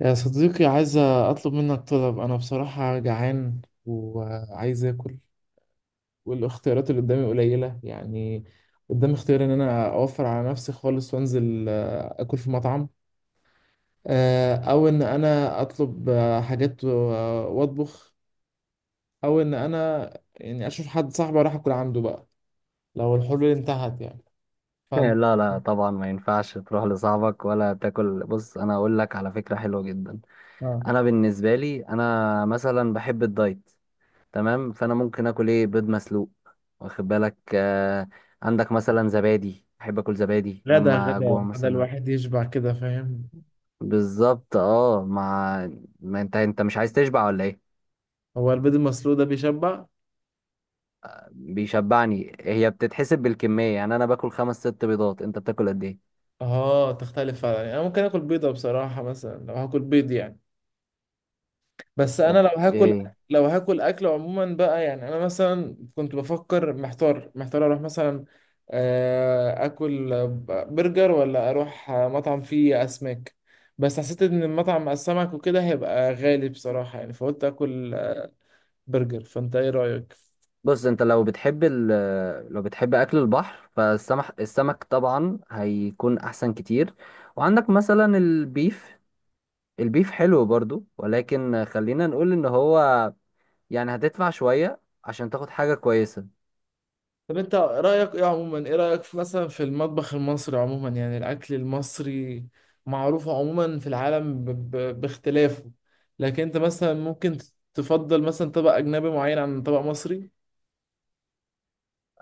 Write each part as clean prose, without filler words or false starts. يا صديقي، عايز أطلب منك طلب. أنا بصراحة جعان وعايز آكل، والاختيارات اللي قدامي قليلة يعني. قدامي اختيار إن أنا أوفر على نفسي خالص وأنزل آكل في مطعم، أو إن أنا أطلب حاجات وأطبخ، أو إن أنا يعني أشوف حد صاحبي أروح آكل عنده بقى لو الحلول انتهت يعني. فأنت لا لا، طبعا ما ينفعش تروح لصاحبك ولا تاكل. بص، انا اقول لك على فكره حلوه جدا. آه انا بالنسبه لي، انا مثلا بحب الدايت. تمام، فانا ممكن اكل، ايه، بيض مسلوق. واخد بالك؟ عندك مثلا زبادي، بحب اكل زبادي غدا لما جوع غدا غدا مثلا. الواحد يشبع كده، فاهم؟ بالظبط، اه، ما انت مش عايز تشبع ولا ايه؟ هو البيض المسلوق ده بيشبع؟ بيشبعني، هي بتتحسب بالكميه، يعني انا باكل خمس ست بيضات، انت بتاكل قد ايه؟ اه، تختلف فعلا يعني. انا ممكن اكل بيضة بصراحة مثلا لو هاكل بيض يعني. بس انا لو هاكل، اوكي. لو هاكل اكل عموما بقى يعني، انا مثلا كنت بفكر محتار اروح مثلا اكل برجر ولا اروح مطعم فيه اسماك، بس حسيت ان المطعم مع السمك وكده هيبقى غالي بصراحة يعني، فقلت اكل برجر. فانت ايه رأيك؟ بص، انت لو بتحب لو بتحب اكل البحر، فالسمك، السمك طبعا هيكون احسن كتير. وعندك مثلا البيف، البيف حلو برضو، ولكن خلينا نقول ان هو يعني هتدفع شوية عشان تاخد حاجة كويسة. طب انت رأيك ايه عموما، ايه رأيك في مثلا في المطبخ المصري عموما، يعني الأكل المصري معروف عموما في العالم باختلافه، لكن انت مثلا ممكن تفضل مثلا طبق أجنبي معين عن طبق مصري؟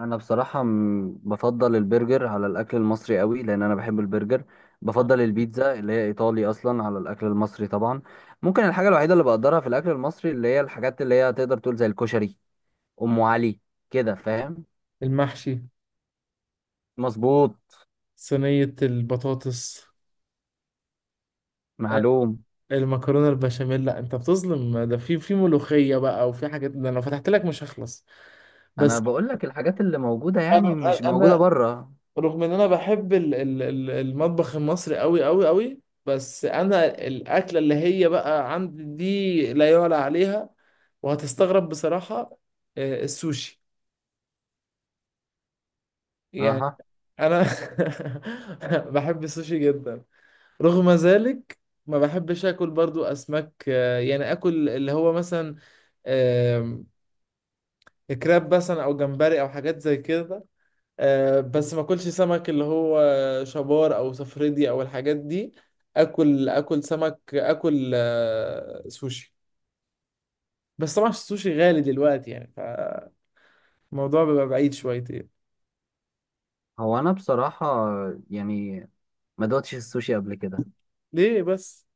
انا بصراحة بفضل البرجر على الاكل المصري قوي لان انا بحب البرجر. آه. بفضل البيتزا اللي هي ايطالي اصلا على الاكل المصري طبعا. ممكن الحاجة الوحيدة اللي بقدرها في الاكل المصري، اللي هي الحاجات اللي هي تقدر تقول زي الكشري، ام علي، كده فاهم؟ المحشي، مظبوط. صينية البطاطس، آه، معلوم. المكرونة البشاميل. لا انت بتظلم، ده في في ملوخية بقى وفي حاجات، ده انا لو فتحت لك مش هخلص. انا بس بقول لك الحاجات اللي موجوده، انا، يعني مش موجوده انا بره. رغم ان انا بحب المطبخ المصري قوي قوي قوي، بس انا الاكله اللي هي بقى عندي دي لا يعلى عليها، وهتستغرب بصراحه، السوشي يعني. اها. انا بحب السوشي جدا. رغم ذلك ما بحبش اكل برضو اسماك يعني اكل اللي هو مثلا آم، كراب مثلا او جمبري او حاجات زي كده. بس ما اكلش سمك اللي هو شبار او صفردي او الحاجات دي. اكل، اكل سمك، اكل سوشي. بس طبعا السوشي غالي دلوقتي يعني، فالموضوع بيبقى بعيد شويتين. هو انا بصراحه يعني ما دقتش السوشي قبل كده، ليه بس؟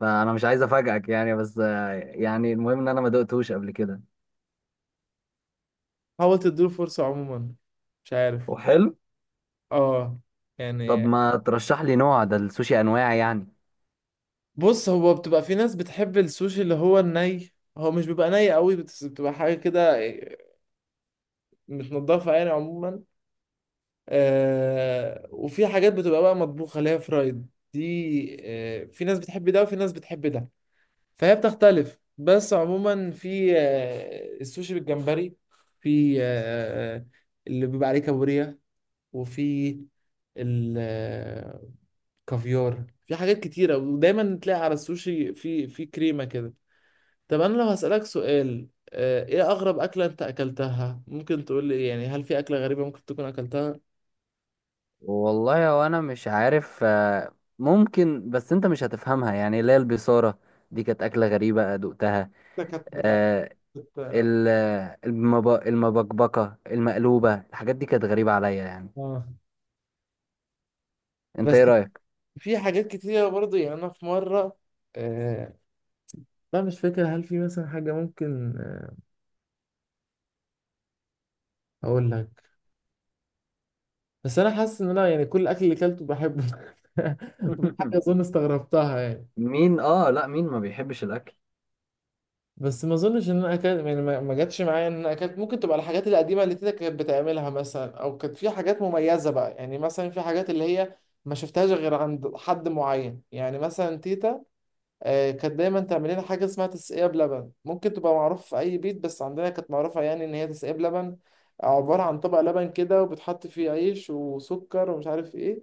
فانا مش عايز افاجئك يعني، بس يعني المهم ان انا ما دقتهوش قبل كده. حاول تديله فرصة عموما، مش عارف. وحلو. اه طب يعني. ما ترشح لي نوع، ده السوشي انواع يعني. بص، هو بتبقى في ناس بتحب السوشي اللي هو الني، هو مش بيبقى ني قوي بس بتبقى حاجة كده متنضفة يعني عموما. آه، وفي حاجات بتبقى بقى مطبوخة اللي هي فرايد، دي آه في ناس بتحب ده وفي ناس بتحب ده، فهي بتختلف. بس عموما في آه السوشي بالجمبري، في آه اللي بيبقى عليه كابوريا، وفي الكافيار، في حاجات كتيرة. ودايما تلاقي على السوشي في كريمة كده. طب انا لو هسألك سؤال، ايه اغرب اكلة انت اكلتها؟ ممكن تقول لي يعني هل في اكلة غريبة ممكن تكون اكلتها؟ والله هو انا مش عارف، ممكن، بس انت مش هتفهمها، يعني اللي هي البيصاره، دي كانت اكله غريبه دقتها. ده كانت بتاع، كنت، ال- المبكبكة المقلوبة، الحاجات دي كانت غريبة عليا يعني. اه. انت بس ايه رأيك؟ في حاجات كتيرة برضه يعني. أنا في مرة آه لا مش فاكر. هل في مثلا حاجة ممكن أقول لك؟ بس أنا حاسس إن أنا يعني كل الأكل اللي أكلته بحبه وفي حاجة أظن استغربتها يعني. اه لا، مين ما بيحبش الاكل؟ بس ما أظنش إن أنا أكلت يعني، ما جاتش معايا إن أنا أكلت. ممكن تبقى الحاجات القديمة اللي تيتا كانت بتعملها مثلا، أو كانت في حاجات مميزة بقى يعني. مثلا في حاجات اللي هي ما شفتهاش غير عند حد معين يعني، مثلا تيتا كانت دايما تعمل لنا حاجه اسمها تسقيه بلبن. ممكن تبقى معروفه في اي بيت، بس عندنا كانت معروفه يعني. ان هي تسقيه بلبن، عباره عن طبق لبن كده وبتحط فيه عيش وسكر ومش عارف ايه.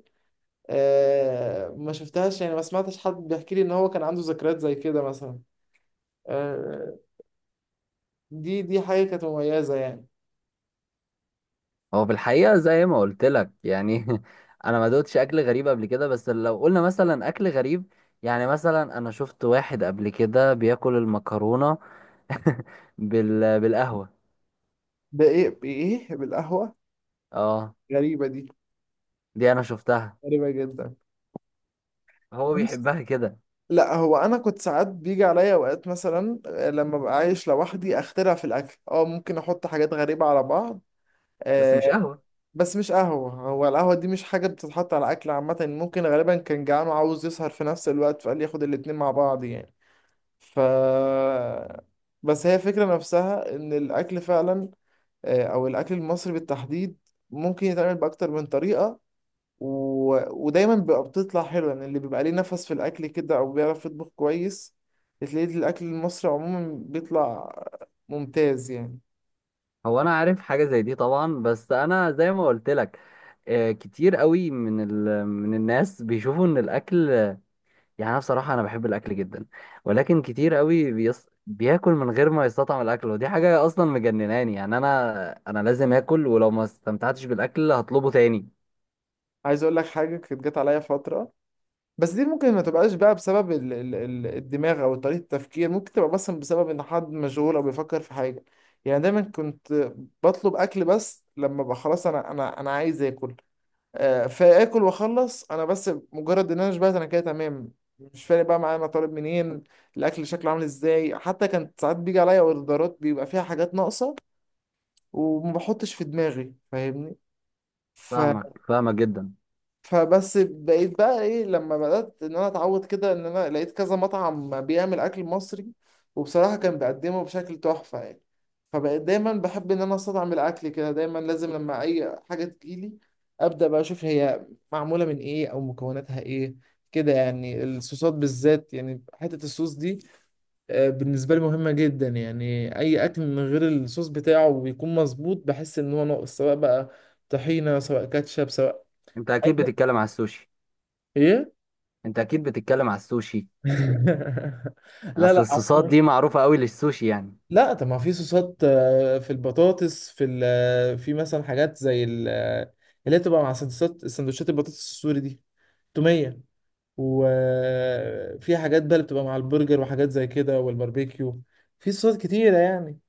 ما شفتهاش يعني، ما سمعتش حد بيحكي لي ان هو كان عنده ذكريات زي كده مثلا. آه، دي حاجه كانت مميزه يعني. هو في الحقيقة زي ما قلت لك يعني. أنا ما دوتش أكل غريب قبل كده، بس لو قلنا مثلا أكل غريب، يعني مثلا أنا شفت واحد قبل كده بياكل المكرونة بالقهوة. ده ايه، بايه، بالقهوه؟ اه، غريبه دي، دي أنا شفتها، غريبه جدا. هو بيحبها كده، لا هو انا كنت ساعات بيجي عليا اوقات مثلا لما ببقى عايش لوحدي اخترع في الاكل، اه ممكن احط حاجات غريبه على بعض بس مش آه، قهوة. بس مش قهوه. هو القهوه دي مش حاجه بتتحط على اكل عامه. ممكن غالبا كان جعان وعاوز يسهر في نفس الوقت فقال ياخد الاتنين مع بعض يعني. ف بس هي الفكره نفسها، ان الاكل فعلا او الاكل المصري بالتحديد ممكن يتعمل باكتر من طريقه، و... ودايما بيبقى بتطلع حلوة يعني. اللي بيبقى ليه نفس في الأكل كده أو بيعرف يطبخ كويس، بتلاقي الأكل المصري عموما بيطلع ممتاز يعني. هو انا عارف حاجه زي دي طبعا، بس انا زي ما قلت لك، كتير قوي من الناس بيشوفوا ان الاكل يعني، انا بصراحه انا بحب الاكل جدا، ولكن كتير قوي بياكل من غير ما يستطعم الاكل، ودي حاجه اصلا مجنناني يعني. انا لازم اكل، ولو ما استمتعتش بالاكل هطلبه تاني. عايز أقول لك حاجة، كانت جت عليا فترة، بس دي ممكن ما تبقاش بقى بسبب الدماغ أو طريقة التفكير، ممكن تبقى مثلا بسبب إن حد مشغول أو بيفكر في حاجة. يعني دايما كنت بطلب أكل، بس لما بقى خلاص أنا عايز آكل، فاكل واخلص انا. بس مجرد ان انا شبعت انا كده تمام، مش فارق بقى معايا انا طالب منين، الاكل شكله عامل ازاي. حتى كانت ساعات بيجي عليا اوردرات بيبقى فيها حاجات ناقصه وما بحطش في دماغي، فاهمني؟ ف فاهمك، فاهمك جدا. فبس بقيت بقى ايه، لما بدأت ان انا اتعود كده، ان انا لقيت كذا مطعم بيعمل اكل مصري وبصراحة كان بيقدمه بشكل تحفة يعني، فبقيت دايما بحب ان انا استطعم الاكل كده. دايما لازم لما اي حاجة تجيلي ابدأ بقى اشوف هي معمولة من ايه او مكوناتها ايه، كده يعني. الصوصات بالذات يعني، حتة الصوص دي بالنسبة لي مهمة جدا يعني. اي اكل من غير الصوص بتاعه بيكون مظبوط، بحس ان هو ناقص، سواء بقى طحينة سواء كاتشب سواء انت اكيد أي- بتتكلم على السوشي. ايه. انت اكيد بتتكلم على السوشي. لا اصل لا الصوصات عموماً- دي معروفه قوي للسوشي يعني. لا طب ما في صوصات، في البطاطس، في ال... آه، في مثلا حاجات زي ال... آه، اللي هي بتبقى مع سندوتشات، سندوتشات البطاطس السوري دي، تومية. وفي حاجات بقى اللي بتبقى مع البرجر وحاجات زي كده والباربيكيو، في صوصات كتيرة يعني.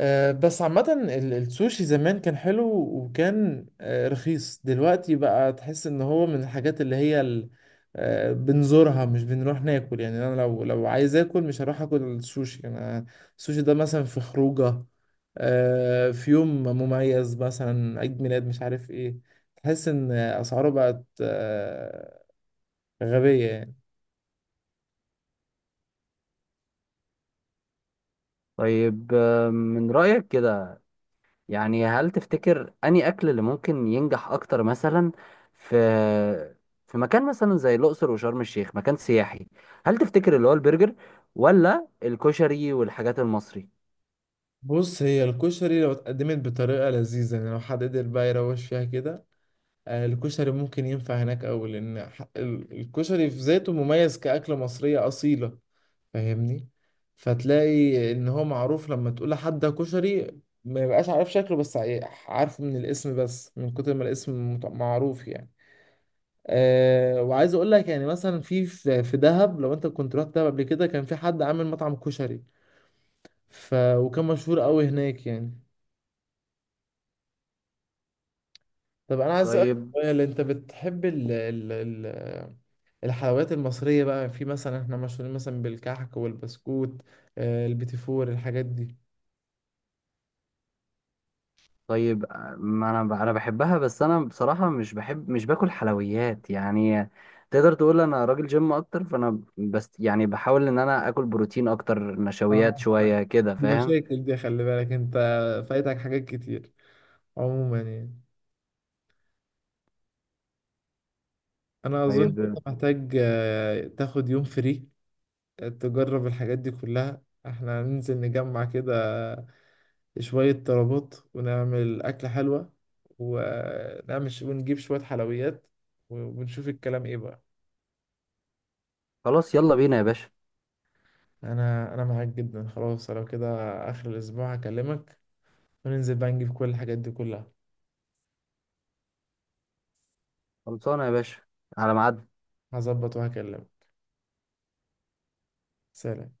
بس عامة السوشي زمان كان حلو وكان رخيص، دلوقتي بقى تحس ان هو من الحاجات اللي هي بنزورها مش بنروح ناكل يعني. انا لو عايز اكل مش هروح اكل السوشي انا. السوشي ده مثلا في خروجه في يوم مميز مثلا، عيد ميلاد مش عارف ايه، تحس ان اسعاره بقت غبية يعني. طيب، من رايك كده يعني، هل تفتكر أنهي أكل اللي ممكن ينجح أكتر مثلا في مكان مثلا زي الأقصر وشرم الشيخ، مكان سياحي؟ هل تفتكر اللي هو البرجر ولا الكشري والحاجات المصري؟ بص، هي الكشري لو اتقدمت بطريقة لذيذة يعني، لو حد قدر بقى يروش فيها كده الكشري ممكن ينفع هناك أوي، لأن الكشري في ذاته مميز كأكلة مصرية أصيلة، فاهمني؟ فتلاقي إن هو معروف، لما تقول لحد ده كشري ما يبقاش عارف شكله، بس عارفه من الاسم، بس من كتر ما الاسم معروف يعني. أه، وعايز أقول لك يعني، مثلا في في في دهب، لو أنت كنت رحت دهب قبل كده، كان في حد عامل مطعم كشري وكان مشهور أوي هناك يعني. طب أنا عايز أسألك طيب. سؤال، أنت بتحب ال ال ال الحلويات المصرية بقى؟ في مثلا احنا مشهورين مثلا بالكحك والبسكوت، البيتي فور، الحاجات دي. طيب. ما أنا أنا بحبها، بس أنا بصراحة مش بحب، مش باكل حلويات يعني. تقدر تقول أنا راجل جيم أكتر، فأنا بس يعني بحاول إن أنا آكل بروتين أكتر، آه. نشويات شوية، كده دي فاهم؟ مشاكل دي، خلي بالك انت، فايتك حاجات كتير عموما يعني. انا اظن طيب. انت محتاج تاخد يوم فري، تجرب الحاجات دي كلها. احنا هننزل نجمع كده شوية طلبات ونعمل أكلة حلوة، ونعمل ونجيب شوية حلويات، ونشوف الكلام ايه بقى. خلاص، يلا بينا يا باشا. انا معاك جدا، خلاص لو كده اخر الاسبوع هكلمك وننزل بقى نجيب كل الحاجات دي كلها. خلصانة يا باشا، على ميعاد. هظبط وهكلمك. سلام.